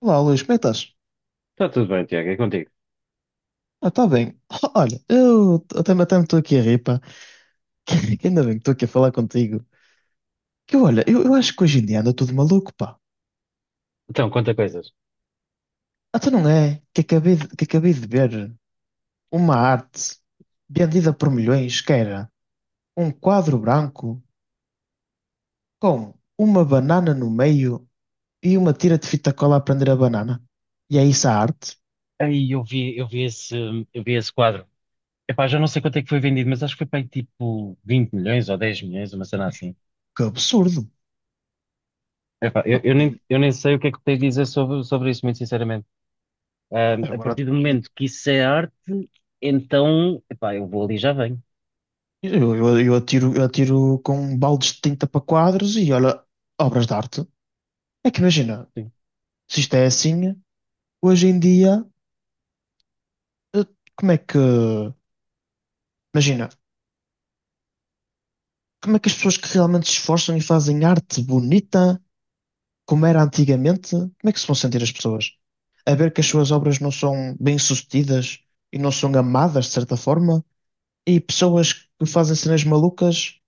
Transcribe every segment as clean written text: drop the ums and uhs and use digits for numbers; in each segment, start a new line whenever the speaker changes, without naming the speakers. Olá, Luís, como é que estás?
Está tudo bem, Tiago, é contigo.
Ah, está bem. Olha, eu até, me estou aqui a rir, pá. Que ainda bem que estou aqui a falar contigo. Que olha, eu acho que hoje em dia anda tudo maluco, pá.
Então, conta coisas.
Até não é? Que acabei de ver uma arte vendida por milhões, que era um quadro branco com uma banana no meio e uma tira de fita cola a prender a banana. E é isso a arte?
Aí eu vi esse quadro. Epá, já não sei quanto é que foi vendido, mas acho que foi para aí tipo 20 milhões ou 10 milhões, uma cena assim.
Que absurdo.
Epá,
Pá,
eu, eu nem,
e
eu nem sei o que é que tens de dizer sobre isso, muito sinceramente. A
agora.
partir do
hum,
momento que isso é arte, então, epá, eu vou ali e já venho.
eu atiro, eu atiro com baldes de tinta para quadros e olha, obras de arte. É que imagina,
Sim.
se isto é assim, hoje em dia, eh, como é que. Imagina, como é que as pessoas que realmente se esforçam e fazem arte bonita, como era antigamente, como é que se vão sentir as pessoas? A ver que as suas obras não são bem-sucedidas e não são amadas, de certa forma, e pessoas que fazem cenas malucas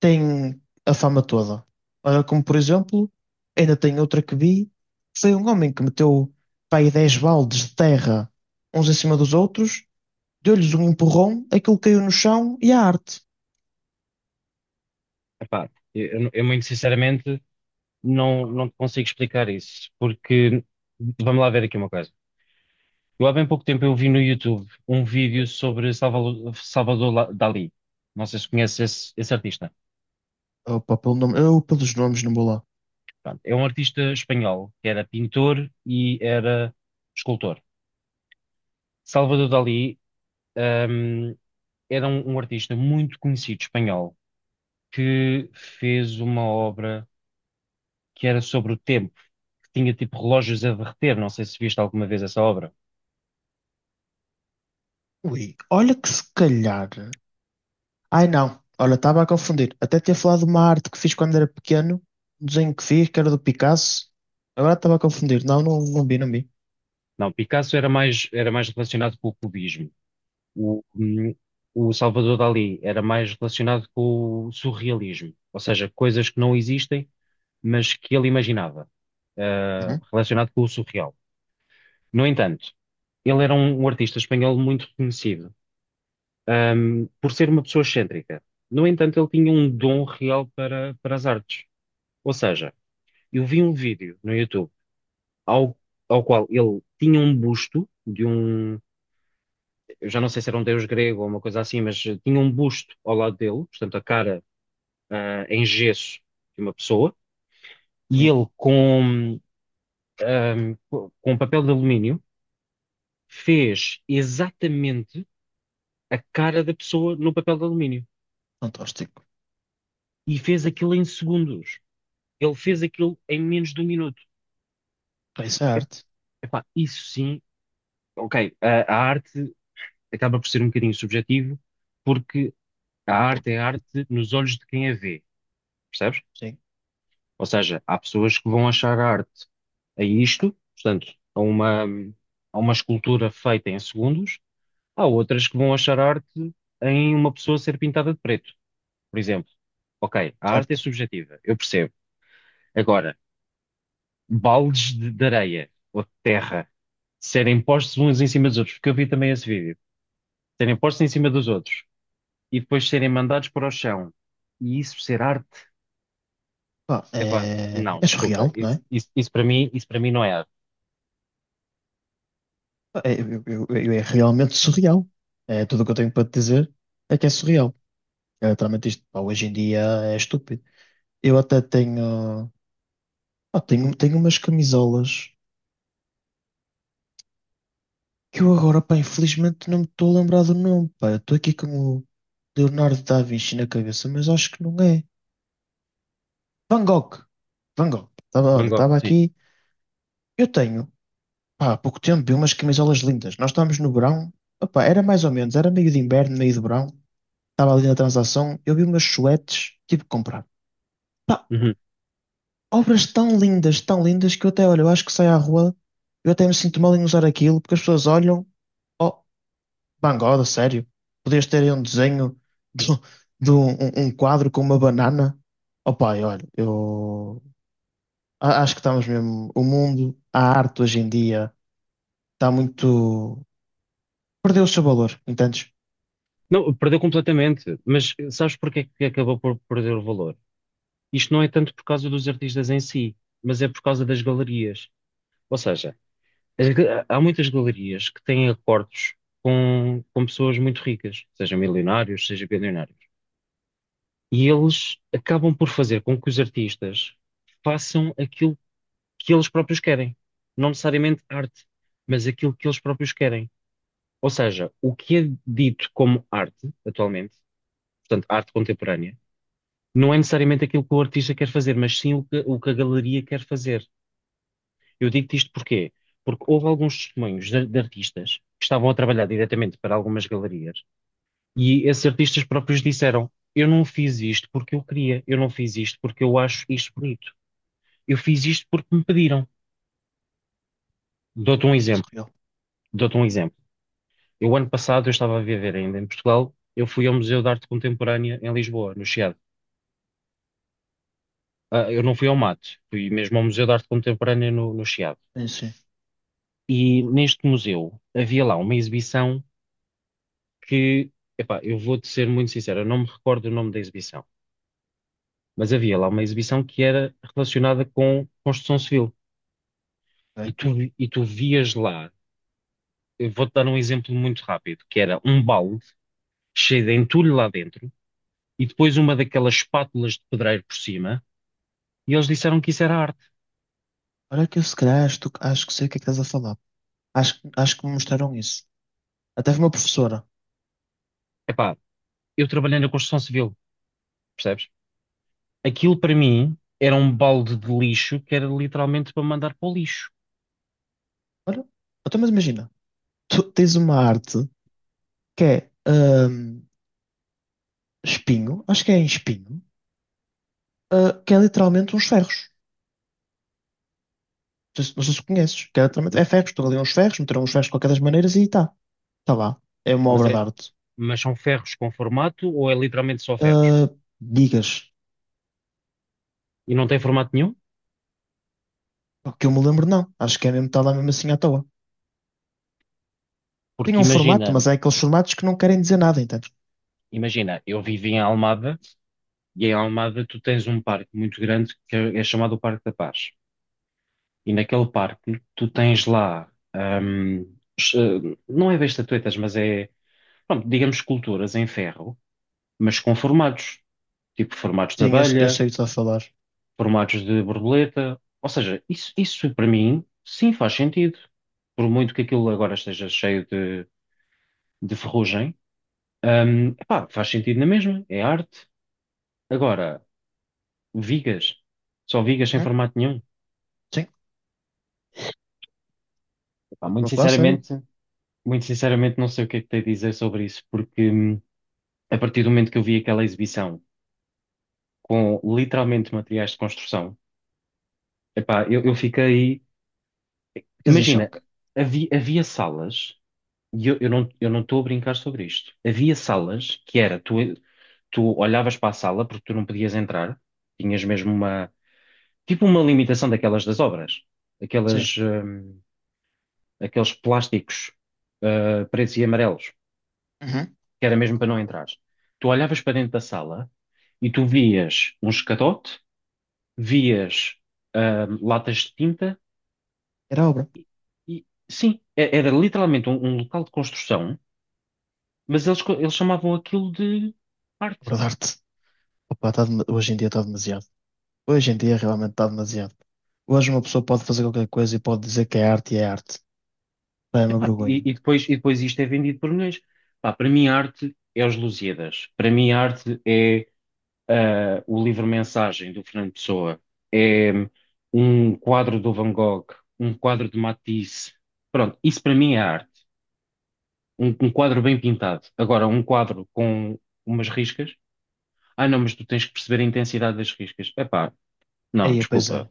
tem a fama toda. Olha, como por exemplo, ainda tem outra que vi, foi um homem que meteu, pá, aí 10 baldes de terra uns em cima dos outros, deu-lhes um empurrão, aquilo caiu no chão e a arte.
Epá, eu muito sinceramente não te consigo explicar isso, porque vamos lá ver aqui uma coisa. Eu há bem pouco tempo eu vi no YouTube um vídeo sobre Salvador, La- Dalí. Não sei se conheces esse artista.
Opa, pelo nome, eu pelos nomes não vou lá.
Pronto, é um artista espanhol que era pintor e era escultor. Salvador Dalí, hum, era um artista muito conhecido espanhol que fez uma obra que era sobre o tempo, que tinha tipo relógios a derreter. Não sei se viste alguma vez essa obra.
Ui, olha que se calhar. Ai não, olha, estava a confundir. Até tinha falado de uma arte que fiz quando era pequeno, um desenho que fiz, que era do Picasso. Agora estava a confundir. Não vi, não vi.
Não, Picasso era mais, relacionado com o cubismo. O, hum, o Salvador Dalí era mais relacionado com o surrealismo, ou seja, coisas que não existem, mas que ele imaginava,
Uhum,
relacionado com o surreal. No entanto, ele era um artista espanhol muito reconhecido, por ser uma pessoa excêntrica. No entanto, ele tinha um dom real para as artes. Ou seja, eu vi um vídeo no YouTube ao, ao qual ele tinha um busto de um eu já não sei se era um deus grego ou uma coisa assim, mas tinha um busto ao lado dele, portanto, a cara, em gesso de uma pessoa, e
sim,
ele com um papel de alumínio fez exatamente a cara da pessoa no papel de alumínio
fantástico.
e fez aquilo em segundos. Ele fez aquilo em menos de um minuto.
Ah, isso é
Ep-
arte,
Epá, isso sim, ok, a arte acaba por ser um bocadinho subjetivo, porque a arte é arte nos olhos de quem a vê, percebes?
sim,
Ou seja, há pessoas que vão achar a arte a isto, portanto, a uma escultura feita em segundos, há outras que vão achar a arte em uma pessoa ser pintada de preto, por exemplo. Ok, a arte é
certo.
subjetiva, eu percebo. Agora, baldes de areia ou de terra serem postos uns em cima dos outros, porque eu vi também esse vídeo, serem postos em cima dos outros e depois serem mandados para o chão e isso ser arte,
Pá,
epá,
é,
não,
é
desculpa,
surreal, não
isso,
é?
isso, isso para mim, isso para mim não é arte.
Pá, é, é realmente surreal. É, tudo o que eu tenho para te dizer é que é surreal. É, literalmente isto, pá, hoje em dia é estúpido. Eu até tenho, pá, tenho umas camisolas que eu agora, pá, infelizmente não me estou a lembrar do nome, pá. Eu estou aqui com o Leonardo da Vinci na cabeça, mas acho que não é. Van Gogh. Van Gogh. Tava,
Van
olha,
Gogh,
estava
sim.
aqui. Eu tenho, pá, há pouco tempo, vi umas camisolas lindas. Nós estávamos no verão. Opa, era mais ou menos, era meio de inverno, meio de verão. Estava ali na transação, eu vi umas suetes, tive que comprar. Pá,
Uhum.
obras tão lindas, que eu até, olha, eu acho que saio à rua, eu até me sinto mal em usar aquilo, porque as pessoas olham, oh, Van Gogh, sério, podias ter aí um desenho de, um, de um, um quadro com uma banana. Oh pai, olha, eu acho que estamos mesmo, o mundo, a arte hoje em dia, está muito, perdeu o seu valor, entendes?
Não, perdeu completamente. Mas sabes porque é que acabou por perder o valor? Isto não é tanto por causa dos artistas em si, mas é por causa das galerias. Ou seja, há muitas galerias que têm acordos com pessoas muito ricas, seja milionários, seja bilionários. E eles acabam por fazer com que os artistas façam aquilo que eles próprios querem. Não necessariamente arte, mas aquilo que eles próprios querem. Ou seja, o que é dito como arte, atualmente, portanto, arte contemporânea não é necessariamente aquilo que o artista quer fazer, mas sim o que a galeria quer fazer. Eu digo-te isto porquê? Porque houve alguns testemunhos de artistas que estavam a trabalhar diretamente para algumas galerias e esses artistas próprios disseram: eu não fiz isto porque eu queria, eu não fiz isto porque eu acho isto bonito, eu fiz isto porque me pediram. Dou-te um exemplo,
Surreal.
dou-te um exemplo. Eu, ano passado, eu estava a viver ainda em Portugal, eu fui ao Museu de Arte Contemporânea em Lisboa, no Chiado. Ah, eu não fui ao Mat, fui mesmo ao Museu de Arte Contemporânea no Chiado.
Sim, sim.
E neste museu havia lá uma exibição que, epá, eu vou-te ser muito sincero, eu não me recordo o nome da exibição, mas havia lá uma exibição que era relacionada com construção civil.
Ok.
E tu, e tu vias lá, eu vou-te dar um exemplo muito rápido, que era um balde cheio de entulho lá dentro e depois uma daquelas espátulas de pedreiro por cima, e eles disseram que isso era arte.
Olha que eu se calhar acho, acho que sei o que é que estás a falar. Acho, acho que me mostraram isso. Até foi uma professora.
Epá, eu trabalhei na construção civil, percebes? Aquilo para mim era um balde de lixo que era literalmente para mandar para o lixo.
Olha, até mas imagina, tu tens uma arte que é espinho, acho que é em espinho, ah, que é literalmente uns ferros. Não sei, se não sei se conheces, que é literalmente
Ma-
é ferros, estão ali uns ferros, meteram uns ferros de qualquer das maneiras e está. Está lá. É uma
Mas,
obra de arte.
mas são ferros com formato ou é literalmente só ferros?
Ah, digas,
E não tem formato nenhum?
pá, que eu me lembro, não. Acho que é mesmo, está lá mesmo assim à toa. Tem
Porque
um formato,
imagina,
mas é aqueles formatos que não querem dizer nada, entendes?
imagina, eu vivi em Almada e em Almada tu tens um parque muito grande que é chamado o Parque da Paz. E naquele parque tu tens láes- eh, não é bem estatuetas, mas é, pronto, digamos, esculturas em ferro, mas com formatos, tipo formatos de
Sim, eu
abelha,
sei o que estás a falar.
formatos de borboleta. Ou seja, isso para mim, sim, faz sentido. Por muito que aquilo agora esteja cheio de ferrugem, epá, faz sentido na mesma, é arte. Agora, vigas, só vigas sem
Uhum.
formato nenhum.
Sim.
Epá,
Estou
muito
a falar sério.
sinceramente, muito sinceramente não sei o que é que tenho a dizer sobre isso, porque a partir do momento que eu vi aquela exibição com literalmente materiais de construção, epá, eu fiquei.
Ficas em
Imagina,
choque.
havia salas, e eu não estou a brincar sobre isto. Havia salas que era, tu olhavas para a sala porque tu não podias entrar, tinhas mesmo tipo uma limitação daquelas das obras, aquelas,
Sim.
hum, aqueles plásticos pretos e amarelos,
Uhum.
que era mesmo para não entrar. Tu olhavas para dentro da sala e tu vias um escadote, vias latas de tinta
Era obra.
e, sim, era literalmente um local de construção, mas eles, eles chamavam aquilo de arte.
Obra de arte. Opa, hoje em dia está demasiado. Hoje em dia realmente está demasiado. Hoje uma pessoa pode fazer qualquer coisa e pode dizer que é arte e é arte. Pá, é uma
Epá, e,
vergonha.
e depois, e depois isto é vendido por milhões. Pá, para mim, a arte é os Lusíadas. Para mim, a arte é. Ah, o livro-mensagem do Fernando Pessoa, é um quadro do Van Gogh, um quadro de Matisse. Pronto, isso para mim é arte. Um quadro bem pintado. Agora, um quadro com umas riscas. Ah, não, mas tu tens que perceber a intensidade das riscas. Epá, não,
Aí, pois
desculpa.
é.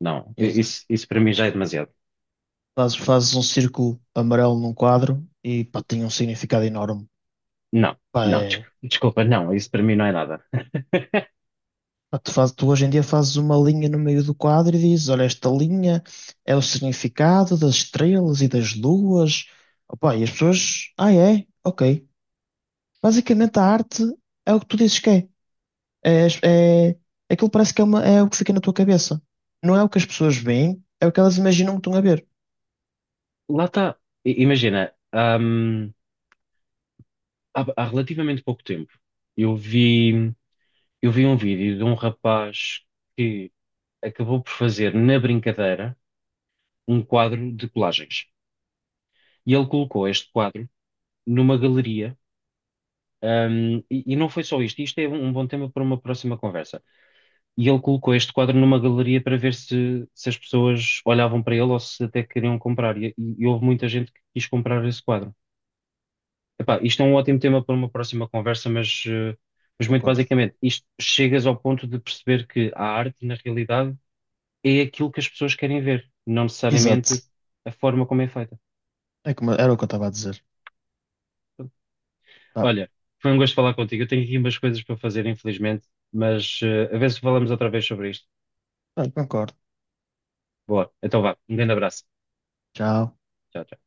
Não, i-
Exato.
isso, isso para mim já é demasiado.
Fazes, fazes um círculo amarelo num quadro e pá, tem um significado enorme.
Não,
Pá,
não, desculpa, não, isso para mim não é nada.
pá, tu hoje em dia fazes uma linha no meio do quadro e dizes, olha, esta linha é o significado das estrelas e das luas. Opa, e as pessoas, ah, é? Ok. Basicamente, a arte é o que tu dizes que é. É, aquilo parece que é, é o que fica na tua cabeça. Não é o que as pessoas veem, é o que elas imaginam que estão a ver.
Lá está. Imagina, hum, há relativamente pouco tempo, eu vi. Eu vi um vídeo de um rapaz que acabou por fazer, na brincadeira, um quadro de colagens. E ele colocou este quadro numa galeria. E não foi só isto. Isto é um bom tema para uma próxima conversa. E ele colocou este quadro numa galeria para ver se, as pessoas olhavam para ele ou se até queriam comprar. E houve muita gente que quis comprar esse quadro.
Pá,
Epá, isto é um ótimo tema para uma próxima conversa, mas muito
concordo.
basicamente, isto chegas ao ponto de perceber que a arte, na realidade, é aquilo que as pessoas querem ver, não
Exato.
necessariamente a forma como é feita.
É como, era o que eu estava a dizer.
Portanto,
Pá,
olha, foi um gosto falar contigo. Eu tenho aqui umas coisas para fazer, infelizmente, mas a ver se falamos outra vez sobre isto.
pronto, concordo.
Boa, então vá, um grande abraço.
Tchau.
Tchau, tchau.